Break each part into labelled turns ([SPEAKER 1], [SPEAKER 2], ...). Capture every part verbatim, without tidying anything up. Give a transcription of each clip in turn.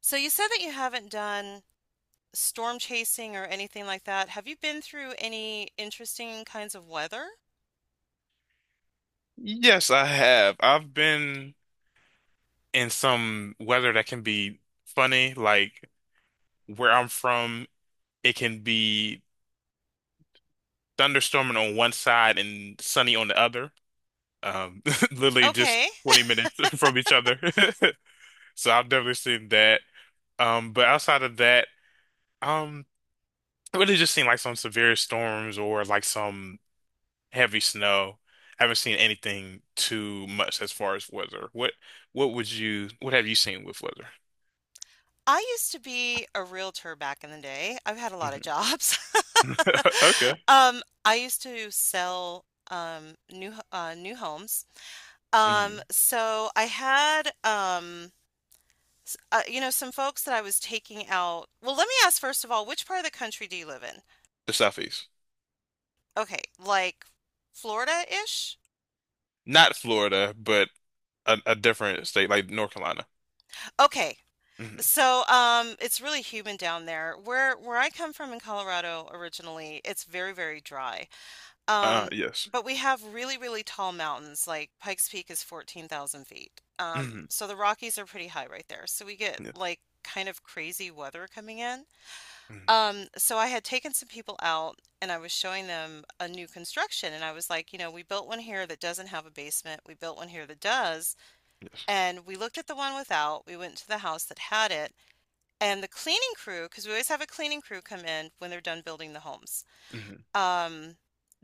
[SPEAKER 1] So you said that you haven't done storm chasing or anything like that. Have you been through any interesting kinds of weather?
[SPEAKER 2] Yes, I have. I've been in some weather that can be funny. Like where I'm from, it can be thunderstorming on one side and sunny on the other. Um, literally just
[SPEAKER 1] Okay.
[SPEAKER 2] twenty minutes from each other. So I've definitely seen that. Um, but outside of that, um, it really just seen like some severe storms or like some heavy snow. I haven't seen anything too much as far as weather. What what would you what have you seen with weather?
[SPEAKER 1] I used to be a realtor back in the day. I've had a lot of
[SPEAKER 2] Mm-hmm.
[SPEAKER 1] jobs.
[SPEAKER 2] Okay.
[SPEAKER 1] Um, I used to sell um new h- uh, new homes. Um,
[SPEAKER 2] hmm
[SPEAKER 1] so I had um s- uh, you know some folks that I was taking out. Well, let me ask first of all, which part of the country do you live in?
[SPEAKER 2] The Southeast.
[SPEAKER 1] Okay, like Florida-ish?
[SPEAKER 2] Not Florida, but a, a different state like North Carolina.
[SPEAKER 1] Okay,
[SPEAKER 2] hmm
[SPEAKER 1] So, um, it's really humid down there. Where where I come from in Colorado originally, it's very, very dry.
[SPEAKER 2] Uh,
[SPEAKER 1] Um,
[SPEAKER 2] yes.
[SPEAKER 1] but we have really, really tall mountains. Like Pikes Peak is fourteen thousand feet. Um,
[SPEAKER 2] hmm
[SPEAKER 1] so the Rockies are pretty high right there. So we get
[SPEAKER 2] Yes.
[SPEAKER 1] like kind of crazy weather coming in.
[SPEAKER 2] hmm
[SPEAKER 1] Um, so I had taken some people out and I was showing them a new construction and I was like, you know, we built one here that doesn't have a basement. We built one here that does.
[SPEAKER 2] Yes.
[SPEAKER 1] And we looked at the one without. We went to the house that had it, and the cleaning crew, because we always have a cleaning crew come in when they're done building the homes,
[SPEAKER 2] hmm
[SPEAKER 1] um,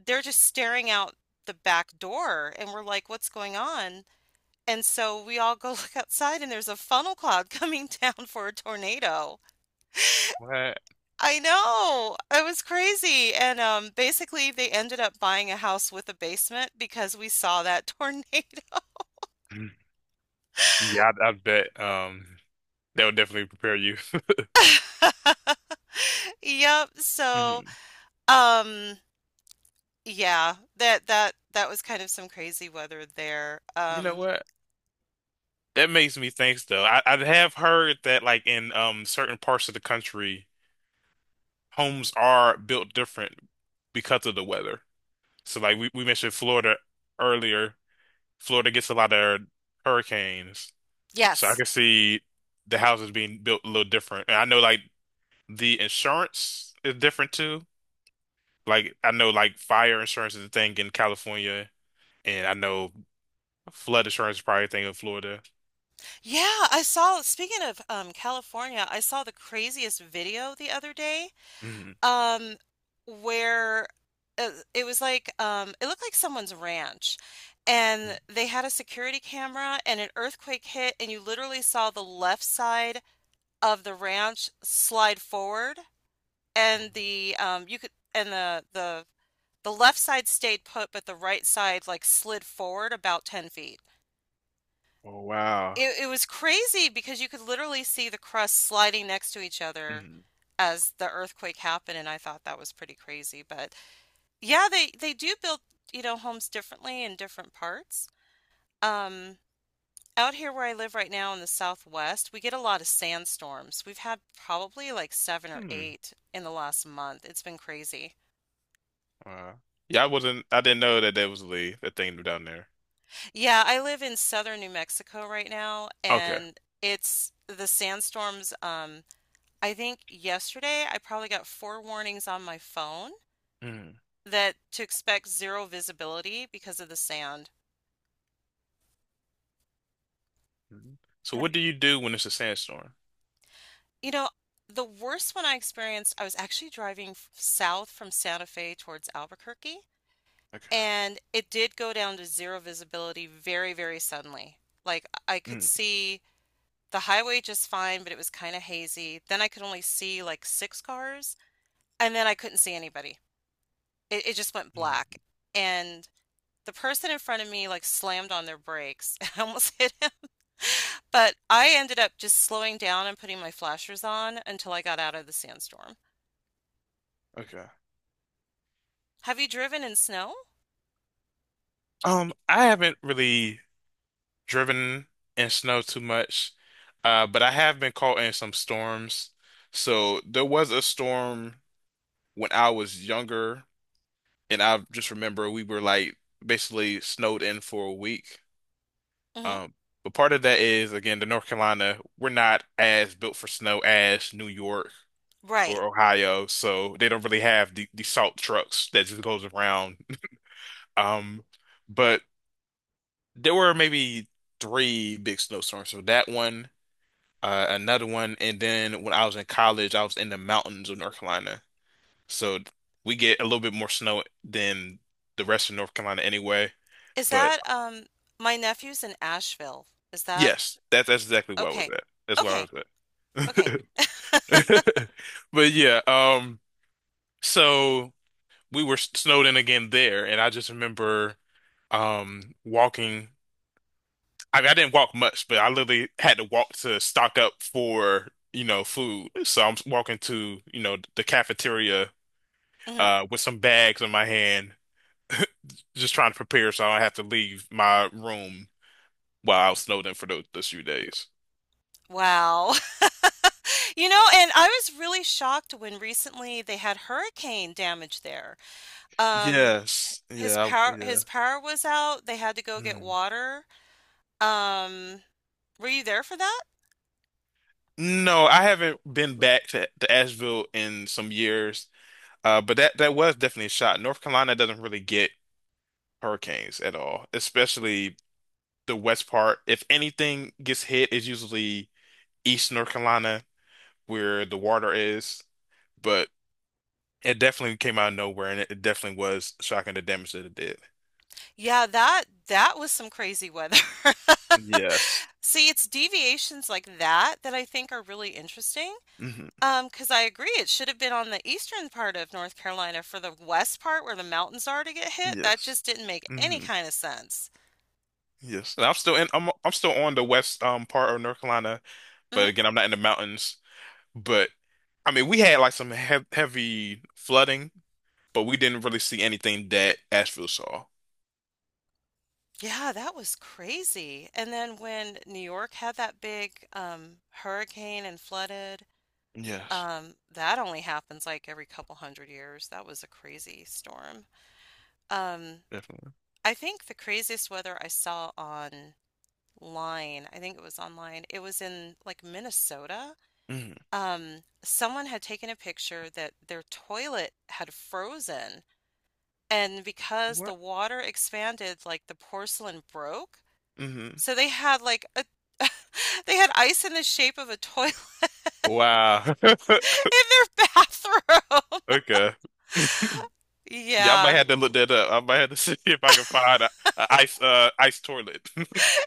[SPEAKER 1] they're just staring out the back door, and we're like, "What's going on?" And so we all go look outside, and there's a funnel cloud coming down for a tornado.
[SPEAKER 2] What?
[SPEAKER 1] I know. It was crazy. And um, Basically, they ended up buying a house with a basement because we saw that tornado.
[SPEAKER 2] Mhm. Yeah, I, I bet um that would definitely prepare you.
[SPEAKER 1] Yep. So,
[SPEAKER 2] hmm
[SPEAKER 1] um, yeah, that that that was kind of some crazy weather there.
[SPEAKER 2] You know
[SPEAKER 1] Um,
[SPEAKER 2] what? That makes me think though. I, I have heard that like in um certain parts of the country, homes are built different because of the weather. So like we, we mentioned Florida earlier. Florida gets a lot of hurricanes. So I
[SPEAKER 1] yes.
[SPEAKER 2] can see the houses being built a little different. And I know like the insurance is different too. Like I know like fire insurance is a thing in California, and I know flood insurance is probably a thing in Florida.
[SPEAKER 1] Yeah, I saw, speaking of um, California, I saw the craziest video the other day
[SPEAKER 2] Mhm.
[SPEAKER 1] um, where uh, it was like, um, it looked like someone's ranch. And they had a security camera and an earthquake hit, and you literally saw the left side of the ranch slide forward, and the um, you could and the the the left side stayed put, but the right side like slid forward about ten feet.
[SPEAKER 2] Oh wow.
[SPEAKER 1] It it was crazy because you could literally see the crust sliding next to each other
[SPEAKER 2] Mhm.
[SPEAKER 1] as the earthquake happened, and I thought that was pretty crazy. But yeah, they they do build, you know, homes differently in different parts. Um, Out here where I live right now in the southwest, we get a lot of sandstorms. We've had probably like seven or
[SPEAKER 2] Hmm.
[SPEAKER 1] eight in the last month. It's been crazy.
[SPEAKER 2] Wow. Yeah, I wasn't I didn't know that that was the the thing down there.
[SPEAKER 1] Yeah, I live in southern New Mexico right now,
[SPEAKER 2] Okay.
[SPEAKER 1] and it's the sandstorms. Um, I think yesterday I probably got four warnings on my phone
[SPEAKER 2] Mhm.
[SPEAKER 1] that to expect zero visibility because of the sand.
[SPEAKER 2] Mhm. So
[SPEAKER 1] Have
[SPEAKER 2] what do you do when it's a sandstorm?
[SPEAKER 1] you know, the worst one I experienced, I was actually driving f- south from Santa Fe towards Albuquerque,
[SPEAKER 2] Okay.
[SPEAKER 1] and it did go down to zero visibility very, very suddenly. Like I could
[SPEAKER 2] Mhm.
[SPEAKER 1] see the highway just fine, but it was kind of hazy. Then I could only see like six cars, and then I couldn't see anybody. It, it just went black.
[SPEAKER 2] Mhm.
[SPEAKER 1] And the person in front of me like slammed on their brakes. I almost hit him. But I ended up just slowing down and putting my flashers on until I got out of the sandstorm.
[SPEAKER 2] Okay.
[SPEAKER 1] Have you driven in snow?
[SPEAKER 2] Um, I haven't really driven in snow too much. Uh, but I have been caught in some storms. So there was a storm when I was younger, and I just remember we were like basically snowed in for a week.
[SPEAKER 1] Hmm
[SPEAKER 2] Um, but part of that is again the North Carolina, we're not as built for snow as New York
[SPEAKER 1] Right.
[SPEAKER 2] or Ohio, so they don't really have the, the salt trucks that just goes around. Um, but there were maybe three big snowstorms. So that one. uh, another one, and then when I was in college, I was in the mountains of North Carolina, so we get a little bit more snow than the rest of North Carolina anyway.
[SPEAKER 1] Is
[SPEAKER 2] But
[SPEAKER 1] that um my nephew's in Asheville? Is that
[SPEAKER 2] yes, that that's exactly where I was
[SPEAKER 1] okay?
[SPEAKER 2] at. That's where I
[SPEAKER 1] Okay.
[SPEAKER 2] was
[SPEAKER 1] Okay.
[SPEAKER 2] at. But yeah, um, so we were snowed in again there, and I just remember um walking. I mean, I didn't walk much, but I literally had to walk to stock up for, you know, food. So I'm walking to, you know, the cafeteria
[SPEAKER 1] hmm
[SPEAKER 2] uh, with some bags in my hand, just trying to prepare so I don't have to leave my room while I was snowed in for those, those few days.
[SPEAKER 1] Wow. You know, and I was really shocked when recently they had hurricane damage there. Um,
[SPEAKER 2] Yes.
[SPEAKER 1] his
[SPEAKER 2] Yeah. I-
[SPEAKER 1] power
[SPEAKER 2] yeah.
[SPEAKER 1] his power was out. They had to go get
[SPEAKER 2] Hmm.
[SPEAKER 1] water. Um, were you there for that?
[SPEAKER 2] No, I haven't been back to, to Asheville in some years. Uh, but that that was definitely a shot. North Carolina doesn't really get hurricanes at all, especially the west part. If anything gets hit, it's usually East North Carolina where the water is. But It definitely came out of nowhere, and it it definitely was shocking the damage that it did.
[SPEAKER 1] Yeah, that that was some crazy weather.
[SPEAKER 2] Yes.
[SPEAKER 1] See, it's deviations like that that I think are really interesting.
[SPEAKER 2] hmm
[SPEAKER 1] Um, 'cause I agree, it should have been on the eastern part of North Carolina for the west part where the mountains are to get hit. That
[SPEAKER 2] Yes.
[SPEAKER 1] just didn't make any
[SPEAKER 2] hmm
[SPEAKER 1] kind of sense.
[SPEAKER 2] Yes. And I'm still in. I'm I'm still on the west um part of North Carolina, but
[SPEAKER 1] Mm-hmm.
[SPEAKER 2] again, I'm not in the mountains. But I mean, we had like some he heavy flooding, but we didn't really see anything that Asheville saw.
[SPEAKER 1] Yeah, that was crazy. And then when New York had that big um, hurricane and flooded,
[SPEAKER 2] Yes,
[SPEAKER 1] um, that only happens like every couple hundred years. That was a crazy storm. Um,
[SPEAKER 2] definitely.
[SPEAKER 1] I think the craziest weather I saw online, I think it was online, it was in like Minnesota.
[SPEAKER 2] hmm
[SPEAKER 1] Um, someone had taken a picture that their toilet had frozen, and because the
[SPEAKER 2] What?
[SPEAKER 1] water expanded, like the porcelain broke.
[SPEAKER 2] hmm
[SPEAKER 1] So they had like a they had ice in the shape of a toilet
[SPEAKER 2] Wow.
[SPEAKER 1] in their bathroom.
[SPEAKER 2] Okay. Yeah, I might
[SPEAKER 1] Yeah.
[SPEAKER 2] have to look that up. I might have to see if I can find a, a ice uh ice toilet.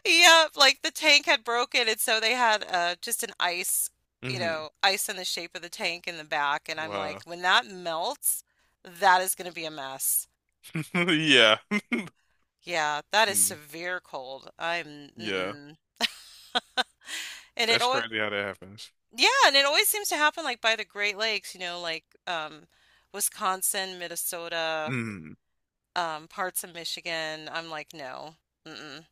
[SPEAKER 1] Yep, like the tank had broken and so they had uh just an ice, you
[SPEAKER 2] hmm
[SPEAKER 1] know, ice in the shape of the tank in the back, and I'm like,
[SPEAKER 2] Wow.
[SPEAKER 1] when that melts, that is going to be a mess.
[SPEAKER 2] Yeah.
[SPEAKER 1] Yeah, that is
[SPEAKER 2] Mm.
[SPEAKER 1] severe cold. I'm
[SPEAKER 2] Yeah.
[SPEAKER 1] mm-mm. And it
[SPEAKER 2] That's
[SPEAKER 1] always,
[SPEAKER 2] crazy how that happens.
[SPEAKER 1] yeah, and it always seems to happen like by the Great Lakes, you know, like um, Wisconsin, Minnesota,
[SPEAKER 2] Mm.
[SPEAKER 1] um, parts of Michigan. I'm like, no, mm-mm,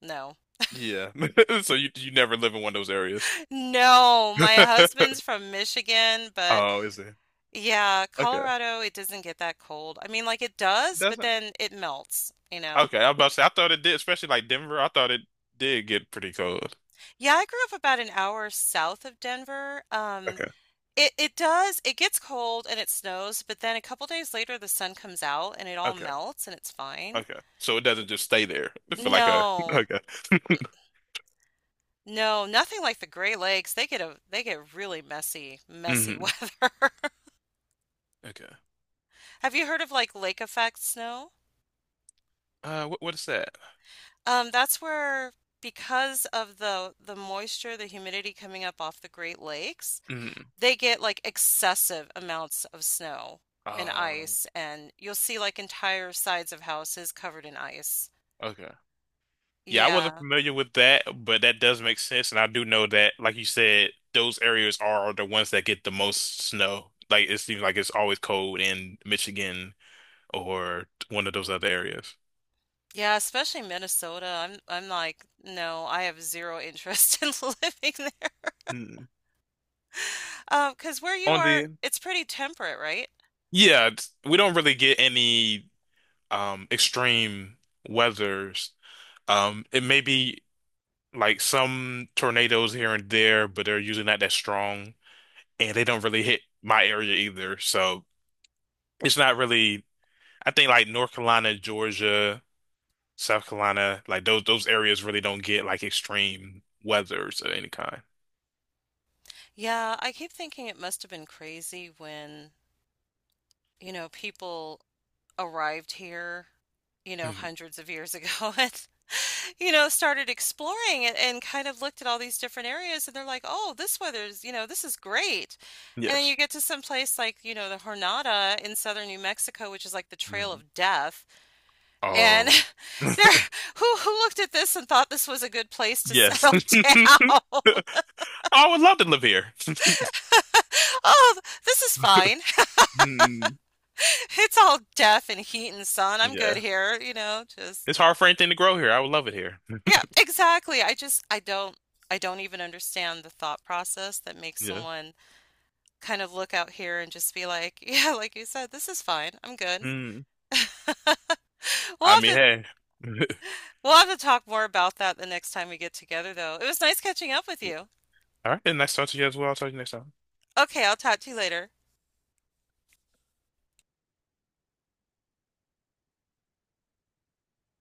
[SPEAKER 1] no,
[SPEAKER 2] Yeah. So you you never live in one of those areas.
[SPEAKER 1] no. My husband's from Michigan, but
[SPEAKER 2] Oh, is it?
[SPEAKER 1] yeah,
[SPEAKER 2] Okay.
[SPEAKER 1] Colorado, it doesn't get that cold. I mean, like it
[SPEAKER 2] It
[SPEAKER 1] does, but
[SPEAKER 2] doesn't.
[SPEAKER 1] then it melts, you know.
[SPEAKER 2] Okay, I was about to say I thought it did, especially like Denver, I thought it did get pretty cold.
[SPEAKER 1] Yeah, I grew up about an hour south of Denver. Um,
[SPEAKER 2] Okay.
[SPEAKER 1] it it does, it gets cold and it snows, but then a couple days later the sun comes out and it all
[SPEAKER 2] Okay.
[SPEAKER 1] melts and it's fine.
[SPEAKER 2] Okay. So it doesn't just stay there for like a
[SPEAKER 1] No.
[SPEAKER 2] okay.
[SPEAKER 1] No, nothing like the Great Lakes. They get a they get really messy, messy
[SPEAKER 2] hmm
[SPEAKER 1] weather.
[SPEAKER 2] Okay.
[SPEAKER 1] Have you heard of like lake effect snow?
[SPEAKER 2] Uh, what what is that?
[SPEAKER 1] Um, that's where because of the the moisture, the humidity coming up off the Great Lakes,
[SPEAKER 2] hmm
[SPEAKER 1] they get like excessive amounts of snow and
[SPEAKER 2] Uh,
[SPEAKER 1] ice, and you'll see like entire sides of houses covered in ice.
[SPEAKER 2] okay. Yeah, I wasn't
[SPEAKER 1] Yeah.
[SPEAKER 2] familiar with that, but that does make sense. And I do know that, like you said, those areas are the ones that get the most snow. Like it seems like it's always cold in Michigan or one of those other areas.
[SPEAKER 1] Yeah, especially Minnesota. I'm I'm like, no, I have zero interest in living there.
[SPEAKER 2] Hmm.
[SPEAKER 1] Um, 'cause where you
[SPEAKER 2] On
[SPEAKER 1] are,
[SPEAKER 2] the,
[SPEAKER 1] it's pretty temperate, right?
[SPEAKER 2] yeah, it's- we don't really get any um extreme weathers. Um, it may be like some tornadoes here and there, but they're usually not that strong, and they don't really hit my area either. So it's not really. I think like North Carolina, Georgia, South Carolina, like those those areas really don't get like extreme weathers of any kind.
[SPEAKER 1] Yeah, I keep thinking it must have been crazy when, you know, people arrived here, you know,
[SPEAKER 2] Mhm.
[SPEAKER 1] hundreds of years ago and, you know, started exploring it and kind of looked at all these different areas and they're like, oh, this weather's, you know, this is great. And then you
[SPEAKER 2] Yes.
[SPEAKER 1] get to some place like, you know, the Jornada in southern New Mexico, which is like the Trail
[SPEAKER 2] Mm.
[SPEAKER 1] of Death. And
[SPEAKER 2] Oh.
[SPEAKER 1] there, who who looked at this and thought this was a good place to
[SPEAKER 2] Yes.
[SPEAKER 1] settle
[SPEAKER 2] I
[SPEAKER 1] down?
[SPEAKER 2] would love to live here.
[SPEAKER 1] Oh, this is fine.
[SPEAKER 2] Mm.
[SPEAKER 1] It's all death and heat and sun. I'm good
[SPEAKER 2] Yeah.
[SPEAKER 1] here, you know, just
[SPEAKER 2] It's hard for anything to grow here. I would love it here.
[SPEAKER 1] yeah, exactly. I just I don't I don't even understand the thought process that makes
[SPEAKER 2] Yeah.
[SPEAKER 1] someone kind of look out here and just be like, yeah, like you said, this is fine. I'm good.
[SPEAKER 2] Mm.
[SPEAKER 1] We'll
[SPEAKER 2] I
[SPEAKER 1] have
[SPEAKER 2] mean,
[SPEAKER 1] to
[SPEAKER 2] hey.
[SPEAKER 1] we'll have to talk more about that the next time we get together though. It was nice catching up with you.
[SPEAKER 2] All right, then next time to you as well. I'll talk to you next time.
[SPEAKER 1] Okay, I'll talk to you later.